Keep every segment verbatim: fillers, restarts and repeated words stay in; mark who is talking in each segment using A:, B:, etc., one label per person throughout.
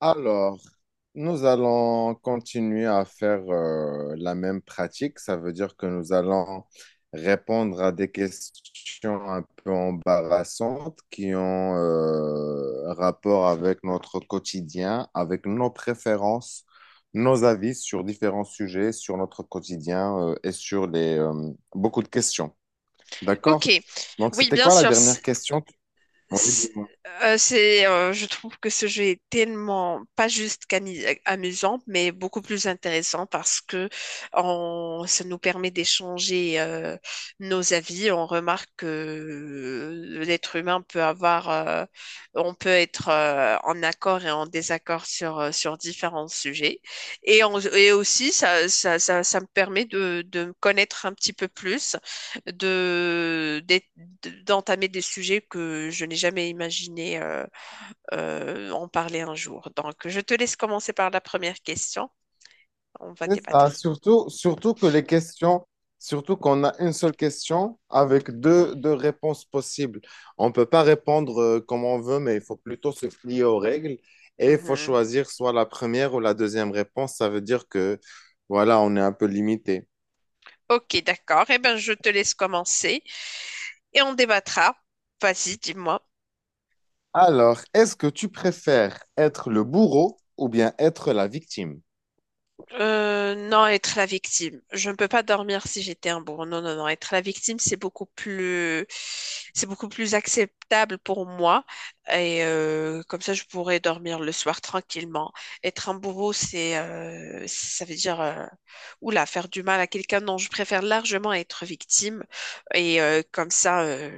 A: Alors, nous allons continuer à faire euh, la même pratique. Ça veut dire que nous allons répondre à des questions un peu embarrassantes qui ont euh, rapport avec notre quotidien, avec nos préférences, nos avis sur différents sujets, sur notre quotidien euh, et sur les, euh, beaucoup de questions.
B: Ok,
A: D'accord? Donc,
B: oui,
A: c'était
B: bien
A: quoi la
B: sûr. c-
A: dernière question? Oui,
B: c-
A: dis-moi.
B: euh, C'est, euh, je trouve que ce jeu est tellement pas juste qu'amu- amusant, mais beaucoup plus intéressant parce que on, ça nous permet d'échanger euh, nos avis. On remarque que euh, l'être humain peut avoir, euh, on peut être euh, en accord et en désaccord sur euh, sur différents sujets. Et, on- et aussi, ça, ça, ça, ça me permet de, de me connaître un petit peu plus de, d'être- d'entamer des sujets que je n'ai jamais imaginé euh, euh, en parler un jour. Donc, je te laisse commencer par la première question. On va
A: C'est ça,
B: débattre.
A: surtout, surtout que les questions, surtout qu'on a une seule question avec deux, deux réponses possibles. On ne peut pas répondre euh, comme on veut, mais il faut plutôt se plier aux règles et il faut
B: Mhm.
A: choisir soit la première ou la deuxième réponse. Ça veut dire que, voilà, on est un peu limité.
B: Ok, d'accord. Eh bien, je te laisse commencer et on débattra. Vas-y, dis-moi.
A: Alors, est-ce que tu préfères être le bourreau ou bien être la victime?
B: Euh, non, être la victime. Je ne peux pas dormir si j'étais un bourreau. Non, non, non. Être la victime, c'est beaucoup plus, c'est beaucoup plus acceptable pour moi. Et euh, comme ça, je pourrais dormir le soir tranquillement. Être un bourreau, c'est, euh, ça veut dire, euh, oula, faire du mal à quelqu'un. Non, je préfère largement être victime. Et euh, comme ça, euh,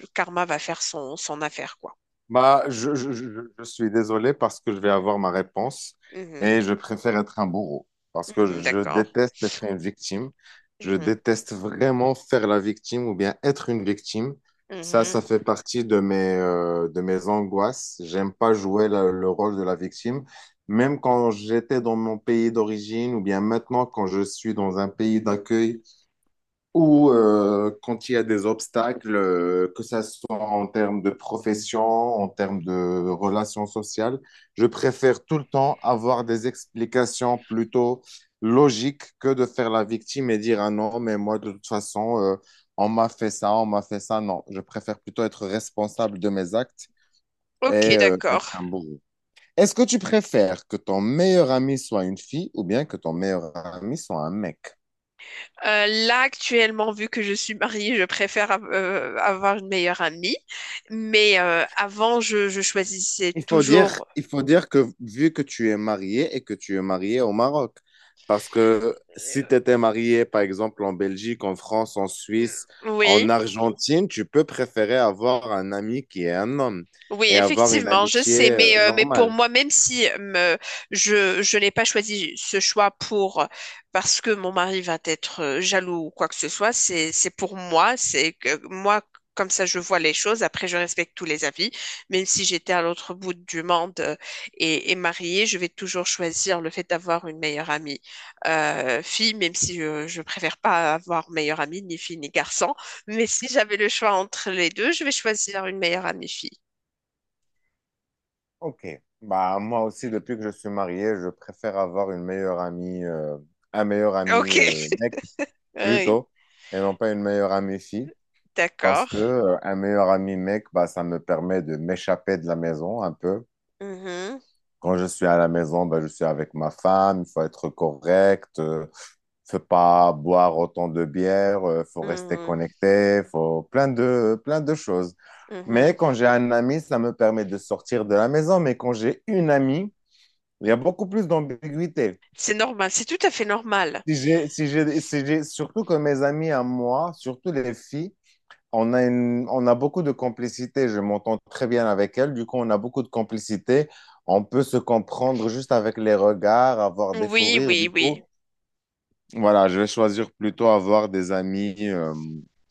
B: le karma va faire son, son affaire, quoi.
A: Bah, je, je- je- je suis désolé parce que je vais avoir ma réponse
B: Mhm,
A: et je préfère être un bourreau parce que
B: mhm,
A: je
B: d'accord.
A: déteste être une victime. Je
B: Mhm,
A: déteste vraiment faire la victime ou bien être une victime. Ça, ça
B: mhm.
A: fait partie de mes, euh, de mes angoisses. J'aime pas jouer la- le rôle de la victime. Même quand j'étais dans mon pays d'origine ou bien maintenant quand je suis dans un pays d'accueil ou euh, quand il y a des obstacles, euh, que ça soit en termes de profession, en termes de relations sociales, je préfère tout le temps avoir des explications plutôt logiques que de faire la victime et dire, ah non, mais moi, de toute façon, euh, on m'a fait ça, on m'a fait ça. Non, je préfère plutôt être responsable de mes actes et
B: Ok,
A: euh,
B: d'accord.
A: être un bourreau. Est-ce que tu préfères que ton meilleur ami soit une fille ou bien que ton meilleur ami soit un mec?
B: Euh, là, actuellement, vu que je suis mariée, je préfère av- euh, avoir une meilleure amie. Mais euh, avant, je, je choisissais
A: Il faut dire,
B: toujours.
A: il faut dire que vu que tu es marié et que tu es marié au Maroc, parce que si tu étais marié, par exemple, en Belgique, en France, en
B: euh,
A: Suisse, en
B: oui.
A: Argentine, tu peux préférer avoir un ami qui est un homme
B: Oui,
A: et avoir une
B: effectivement, je sais,
A: amitié euh,
B: mais, euh, mais pour
A: normale.
B: moi, même si euh, me- je, je n'ai pas choisi ce choix pour parce que mon mari va être euh, jaloux ou quoi que ce soit, c'est, c'est pour moi, c'est que moi, comme ça, je vois les choses. Après, je respecte tous les avis. Même si j'étais à l'autre bout du monde euh, et, et mariée, je vais toujours choisir le fait d'avoir une meilleure amie euh, fille, même si euh, je préfère pas avoir meilleure amie ni fille ni garçon. Mais si j'avais le choix entre les deux, je vais choisir une meilleure amie fille.
A: Ok. Bah, moi aussi, depuis que je suis marié, je préfère avoir une meilleure amie, euh, un meilleur ami
B: Ok,
A: euh, mec
B: oui,
A: plutôt, et non pas une meilleure amie fille. Parce que
B: d'accord.
A: euh, un meilleur ami mec, bah, ça me permet de m'échapper de la maison un peu.
B: Mhm,
A: Quand je suis à la maison, bah, je suis avec ma femme, il faut être correct, euh, faut pas boire autant de bière, euh, faut rester
B: mhm,
A: connecté, faut plein de, plein de choses.
B: mhm.
A: Mais quand j'ai un ami, ça me permet de sortir de la maison. Mais quand j'ai une amie, il y a beaucoup plus d'ambiguïté.
B: C'est normal, c'est tout à fait normal.
A: Si j'ai, si j'ai, si j'ai, surtout que mes amis à moi, surtout les filles, on a une- on a beaucoup de complicité. Je m'entends très bien avec elle. Du coup, on a beaucoup de complicité. On peut se comprendre juste avec les regards, avoir des fous
B: Oui,
A: rires.
B: oui,
A: Du
B: oui.
A: coup, voilà, je vais choisir plutôt avoir des amis euh,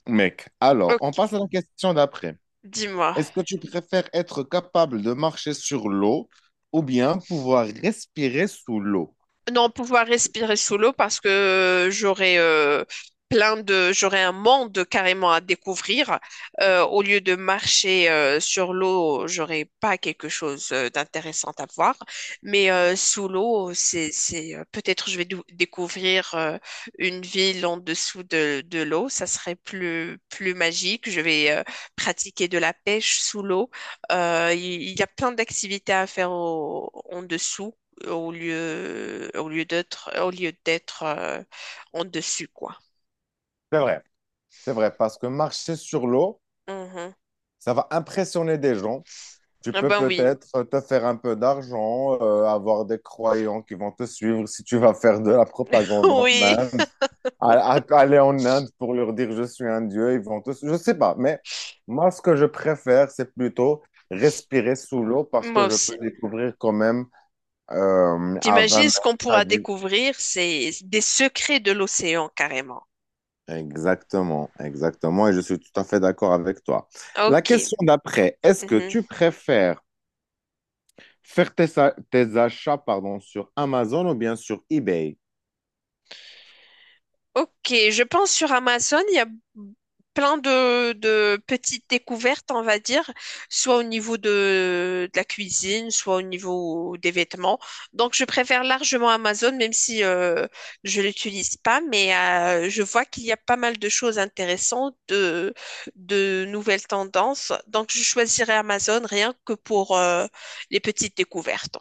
A: mecs. Alors,
B: Ok,
A: on passe à la question d'après.
B: dis-moi.
A: Est-ce que tu préfères être capable de marcher sur l'eau ou bien pouvoir respirer sous l'eau?
B: Non, pouvoir respirer sous l'eau parce que j'aurais euh, plein de, j'aurais un monde carrément à découvrir. Euh, au lieu de marcher euh, sur l'eau, j'aurais pas quelque chose euh, d'intéressant à voir. Mais euh, sous l'eau, c'est, c'est euh, peut-être je vais dou- découvrir euh, une ville en dessous de, de l'eau. Ça serait plus plus magique. Je vais euh, pratiquer de la pêche sous l'eau. Euh, Il il y, a plein d'activités à faire au- en dessous au lieu, au lieu d'être, au lieu d'être euh, en dessus, quoi.
A: C'est vrai, c'est vrai, parce que marcher sur l'eau,
B: Mhm.
A: ça va impressionner des gens. Tu
B: Ah
A: peux
B: ben oui,
A: peut-être euh, te faire un peu d'argent, euh, avoir des croyants qui vont te suivre si tu vas faire de la propagande en
B: oui,
A: Inde, à- à- aller en Inde pour leur dire je suis un dieu, ils vont te suivre. Je sais pas, mais moi ce que je préfère, c'est plutôt respirer sous l'eau parce
B: moi
A: que je peux
B: aussi.
A: découvrir quand même euh, à vingt
B: T'imagines ce
A: mètres
B: qu'on
A: à
B: pourra
A: dix.
B: découvrir, c'est des secrets de l'océan carrément.
A: Exactement, exactement, et je suis tout à fait d'accord avec toi. La
B: Ok.
A: question d'après, est-ce que
B: Mhm.
A: tu préfères faire tes, a- tes achats, pardon, sur Amazon ou bien sur eBay?
B: Ok, je pense sur Amazon, il y a plein de, de petites découvertes, on va dire, soit au niveau de, de la cuisine, soit au niveau des vêtements. Donc, je préfère largement Amazon, même si euh, je l'utilise pas, mais euh, je vois qu'il y a pas mal de choses intéressantes, de, de nouvelles tendances. Donc, je choisirais Amazon rien que pour euh, les petites découvertes.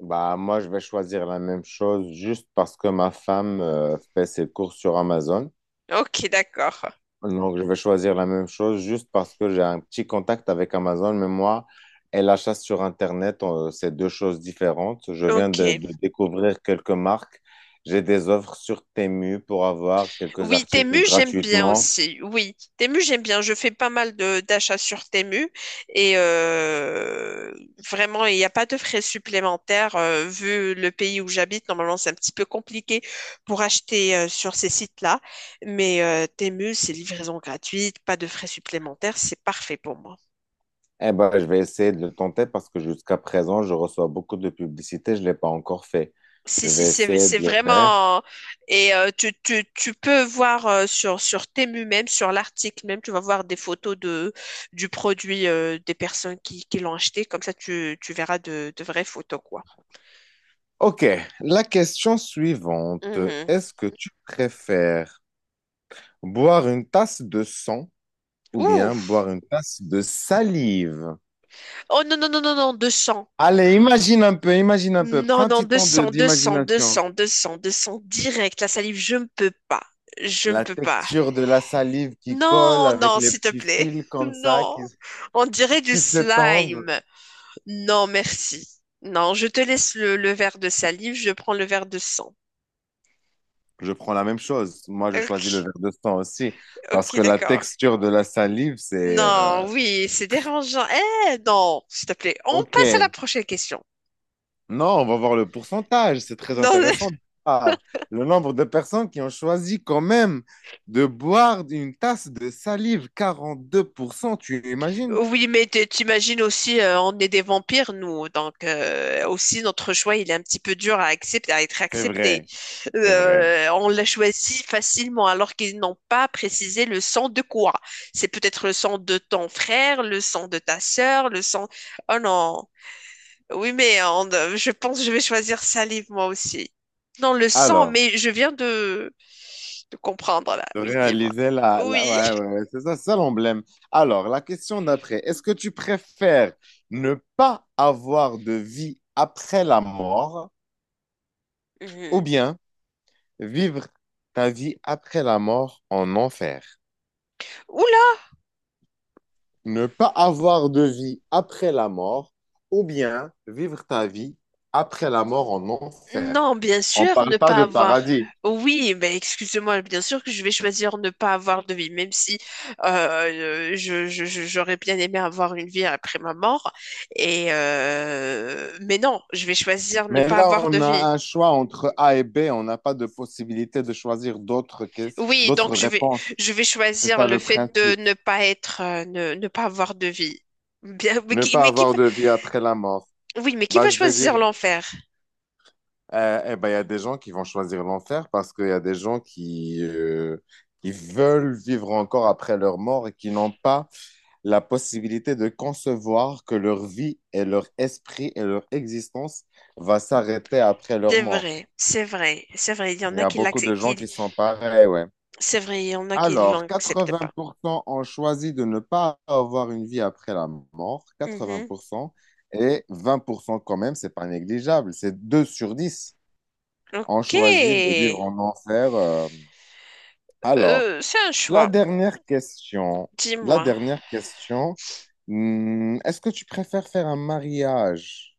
A: Bah, moi, je vais choisir la même chose juste parce que ma femme euh, fait ses courses sur Amazon.
B: Ok, d'accord.
A: Donc, je vais choisir la même chose juste parce que j'ai un petit contact avec Amazon, mais moi, elle achète sur Internet, euh, c'est deux choses différentes. Je viens
B: Ok.
A: de, de découvrir quelques marques. J'ai des offres sur Temu pour avoir quelques
B: Oui,
A: articles
B: Temu, j'aime bien
A: gratuitement.
B: aussi. Oui, Temu, j'aime bien. Je fais pas mal de d'achats sur Temu et euh, vraiment, il n'y a pas de frais supplémentaires. euh, vu le pays où j'habite, normalement, c'est un petit peu compliqué pour acheter euh, sur ces sites-là. Mais euh, Temu, c'est livraison gratuite, pas de frais supplémentaires. C'est parfait pour moi.
A: Eh ben, je vais essayer de le tenter parce que jusqu'à présent, je reçois beaucoup de publicité. Je ne l'ai pas encore fait.
B: Si,
A: Je
B: si,
A: vais
B: c'est,
A: essayer
B: c'est
A: de le faire.
B: vraiment. Et euh, tu, tu, tu peux voir euh, sur, sur Temu même, sur l'article même, tu vas voir des photos de, du produit euh, des personnes qui, qui l'ont acheté. Comme ça, tu, tu verras de, de vraies photos, quoi.
A: OK, la question suivante.
B: Mhm.
A: Est-ce que tu préfères boire une tasse de sang ou
B: Ouh.
A: bien boire une tasse de salive?
B: Oh non, non, non, non, non, deux cents.
A: Allez, imagine un peu, imagine un peu. Prends
B: Non,
A: un
B: non,
A: petit
B: deux
A: temps de-
B: deux deux cents cents
A: d'imagination.
B: cents deux cents deux cents direct. La salive, je ne peux pas. Je ne
A: La
B: peux pas.
A: texture de la salive qui colle
B: Non,
A: avec
B: non,
A: les
B: s'il te
A: petits
B: plaît.
A: fils comme ça qui,
B: Non. On dirait du
A: qui s'étendent.
B: slime. Non, merci. Non, je te laisse le, le verre de salive, je prends le verre de sang.
A: Je prends la même chose. Moi, je choisis le
B: Ok,
A: verre de sang aussi
B: ok,
A: parce que la
B: d'accord.
A: texture de la salive, c'est
B: Non,
A: euh,
B: oui, c'est dérangeant. Eh, non, s'il te plaît, on passe à la
A: OK.
B: prochaine question.
A: Non, on va voir le pourcentage. C'est très
B: Non.
A: intéressant. Ah, le nombre de personnes qui ont choisi quand même de boire une tasse de salive, quarante-deux pour cent. Tu imagines?
B: Oui, mais t- t'imagines aussi, euh, on est des vampires, nous. Donc, euh, aussi, notre choix, il est un petit peu dur à accepter, à être
A: C'est
B: accepté.
A: vrai, c'est vrai.
B: Euh, on l'a choisi facilement, alors qu'ils n'ont pas précisé le sang de quoi. C'est peut-être le sang de ton frère, le sang de ta sœur, le sang... Oh non. Oui, mais on- euh, je pense que je vais choisir salive, moi aussi. Non, le sang,
A: Alors,
B: mais je viens de, de comprendre, là.
A: de
B: Oui, dis-moi.
A: réaliser la... la-
B: Oui.
A: ouais, ouais, ouais, c'est ça, c'est ça l'emblème. Alors, la question d'après, est-ce que tu préfères ne pas avoir de vie après la mort ou
B: Mhm.
A: bien vivre ta vie après la mort en enfer.
B: Ouh.
A: Ne pas avoir de vie après la mort ou bien vivre ta vie après la mort en enfer.
B: Non, bien
A: On ne
B: sûr, ne
A: parle pas
B: pas
A: de
B: avoir.
A: paradis.
B: Oui, mais excusez-moi, bien sûr que je vais choisir ne pas avoir de vie, même si euh, euh, je, je- je- j'aurais bien aimé avoir une vie après ma mort. Et euh, mais non, je vais choisir ne
A: Mais
B: pas
A: là,
B: avoir de
A: on a
B: vie.
A: un choix entre A et B. On n'a pas de possibilité de choisir d'autres que-
B: Oui, donc
A: d'autres
B: je vais,
A: réponses.
B: je vais
A: C'est
B: choisir
A: ça
B: le
A: le
B: fait de
A: principe.
B: ne pas être, euh, ne, ne pas avoir de vie. Bien, mais
A: Ne
B: qui,
A: pas
B: mais qui
A: avoir
B: va,
A: de vie après la mort.
B: oui, mais qui
A: Bah,
B: va
A: je vais
B: choisir
A: dire
B: l'enfer?
A: Euh, eh ben, il y a des gens qui vont choisir l'enfer parce qu'il y a des gens qui, euh, qui veulent vivre encore après leur mort et qui n'ont pas la possibilité de concevoir que leur vie et leur esprit et leur existence va s'arrêter après leur
B: C'est
A: mort.
B: vrai, c'est vrai, c'est vrai. Il y en
A: Il y
B: a
A: a
B: qui
A: beaucoup de
B: l'acceptent, qui,
A: gens qui sont pareils, ouais.
B: c'est vrai, il y en a qui
A: Alors,
B: l'acceptent pas.
A: quatre-vingts pour cent ont choisi de ne pas avoir une vie après la mort,
B: Mhm.
A: quatre-vingts pour cent, et vingt pour cent quand même, c'est pas négligeable, c'est deux sur dix. On
B: Ok.
A: choisit de vivre en enfer. euh. Alors,
B: Euh, c'est un
A: la
B: choix.
A: dernière question. La
B: Dis-moi.
A: dernière question. Hmm, Est-ce que tu préfères faire un mariage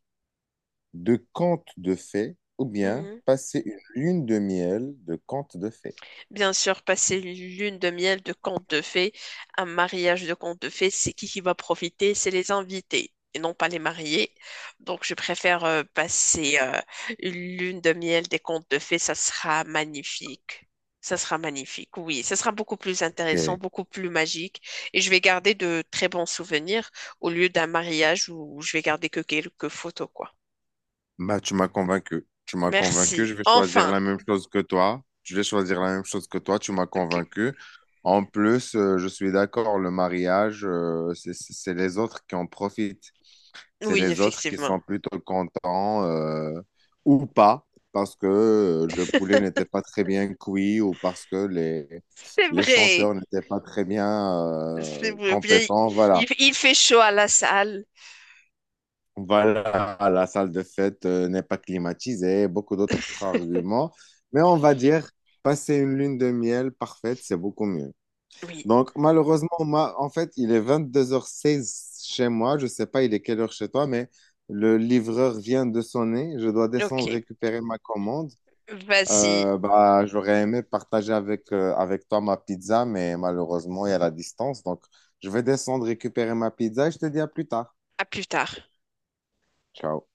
A: de conte de fées ou bien
B: Mhm.
A: passer une lune de miel de conte de fées?
B: Bien sûr, passer une lune de miel de conte de fées, un mariage de conte de fées, c'est qui qui va profiter? C'est les invités et non pas les mariés. Donc, je préfère euh, passer euh, une lune de miel des contes de fées. Ça sera magnifique. Ça sera magnifique, oui. Ça sera beaucoup plus intéressant,
A: Ok.
B: beaucoup plus magique. Et je vais garder de très bons souvenirs au lieu d'un mariage où je vais garder que quelques photos, quoi.
A: Bah, tu m'as convaincu. Tu m'as convaincu.
B: Merci.
A: Je vais choisir
B: Enfin.
A: la même chose que toi. Je vais choisir la même chose que toi. Tu m'as
B: OK.
A: convaincu. En plus, euh, je suis d'accord, le mariage, euh, c'est c'est- c'est les autres qui en profitent. C'est
B: Oui,
A: les autres qui sont
B: effectivement.
A: plutôt contents euh, ou pas parce que euh, le poulet n'était pas très bien cuit ou parce que les,
B: C'est
A: les
B: vrai.
A: chanteurs n'étaient pas très bien
B: C'est
A: euh,
B: vrai. Bien,
A: compétents.
B: il,
A: Voilà.
B: il fait chaud à la salle.
A: Voilà, la salle de fête euh, n'est pas climatisée, beaucoup d'autres arguments. Mais on va dire, passer une lune de miel parfaite, c'est beaucoup mieux.
B: Oui.
A: Donc, malheureusement, ma- en fait, il est vingt-deux heures seize chez moi. Je sais pas il est quelle heure chez toi, mais le livreur vient de sonner. Je dois descendre
B: OK.
A: récupérer ma commande.
B: Vas-y.
A: Euh, bah, j'aurais aimé partager avec, euh, avec toi ma pizza, mais malheureusement, il y a la distance. Donc, je vais descendre récupérer ma pizza et je te dis à plus tard.
B: À plus tard.
A: Ciao.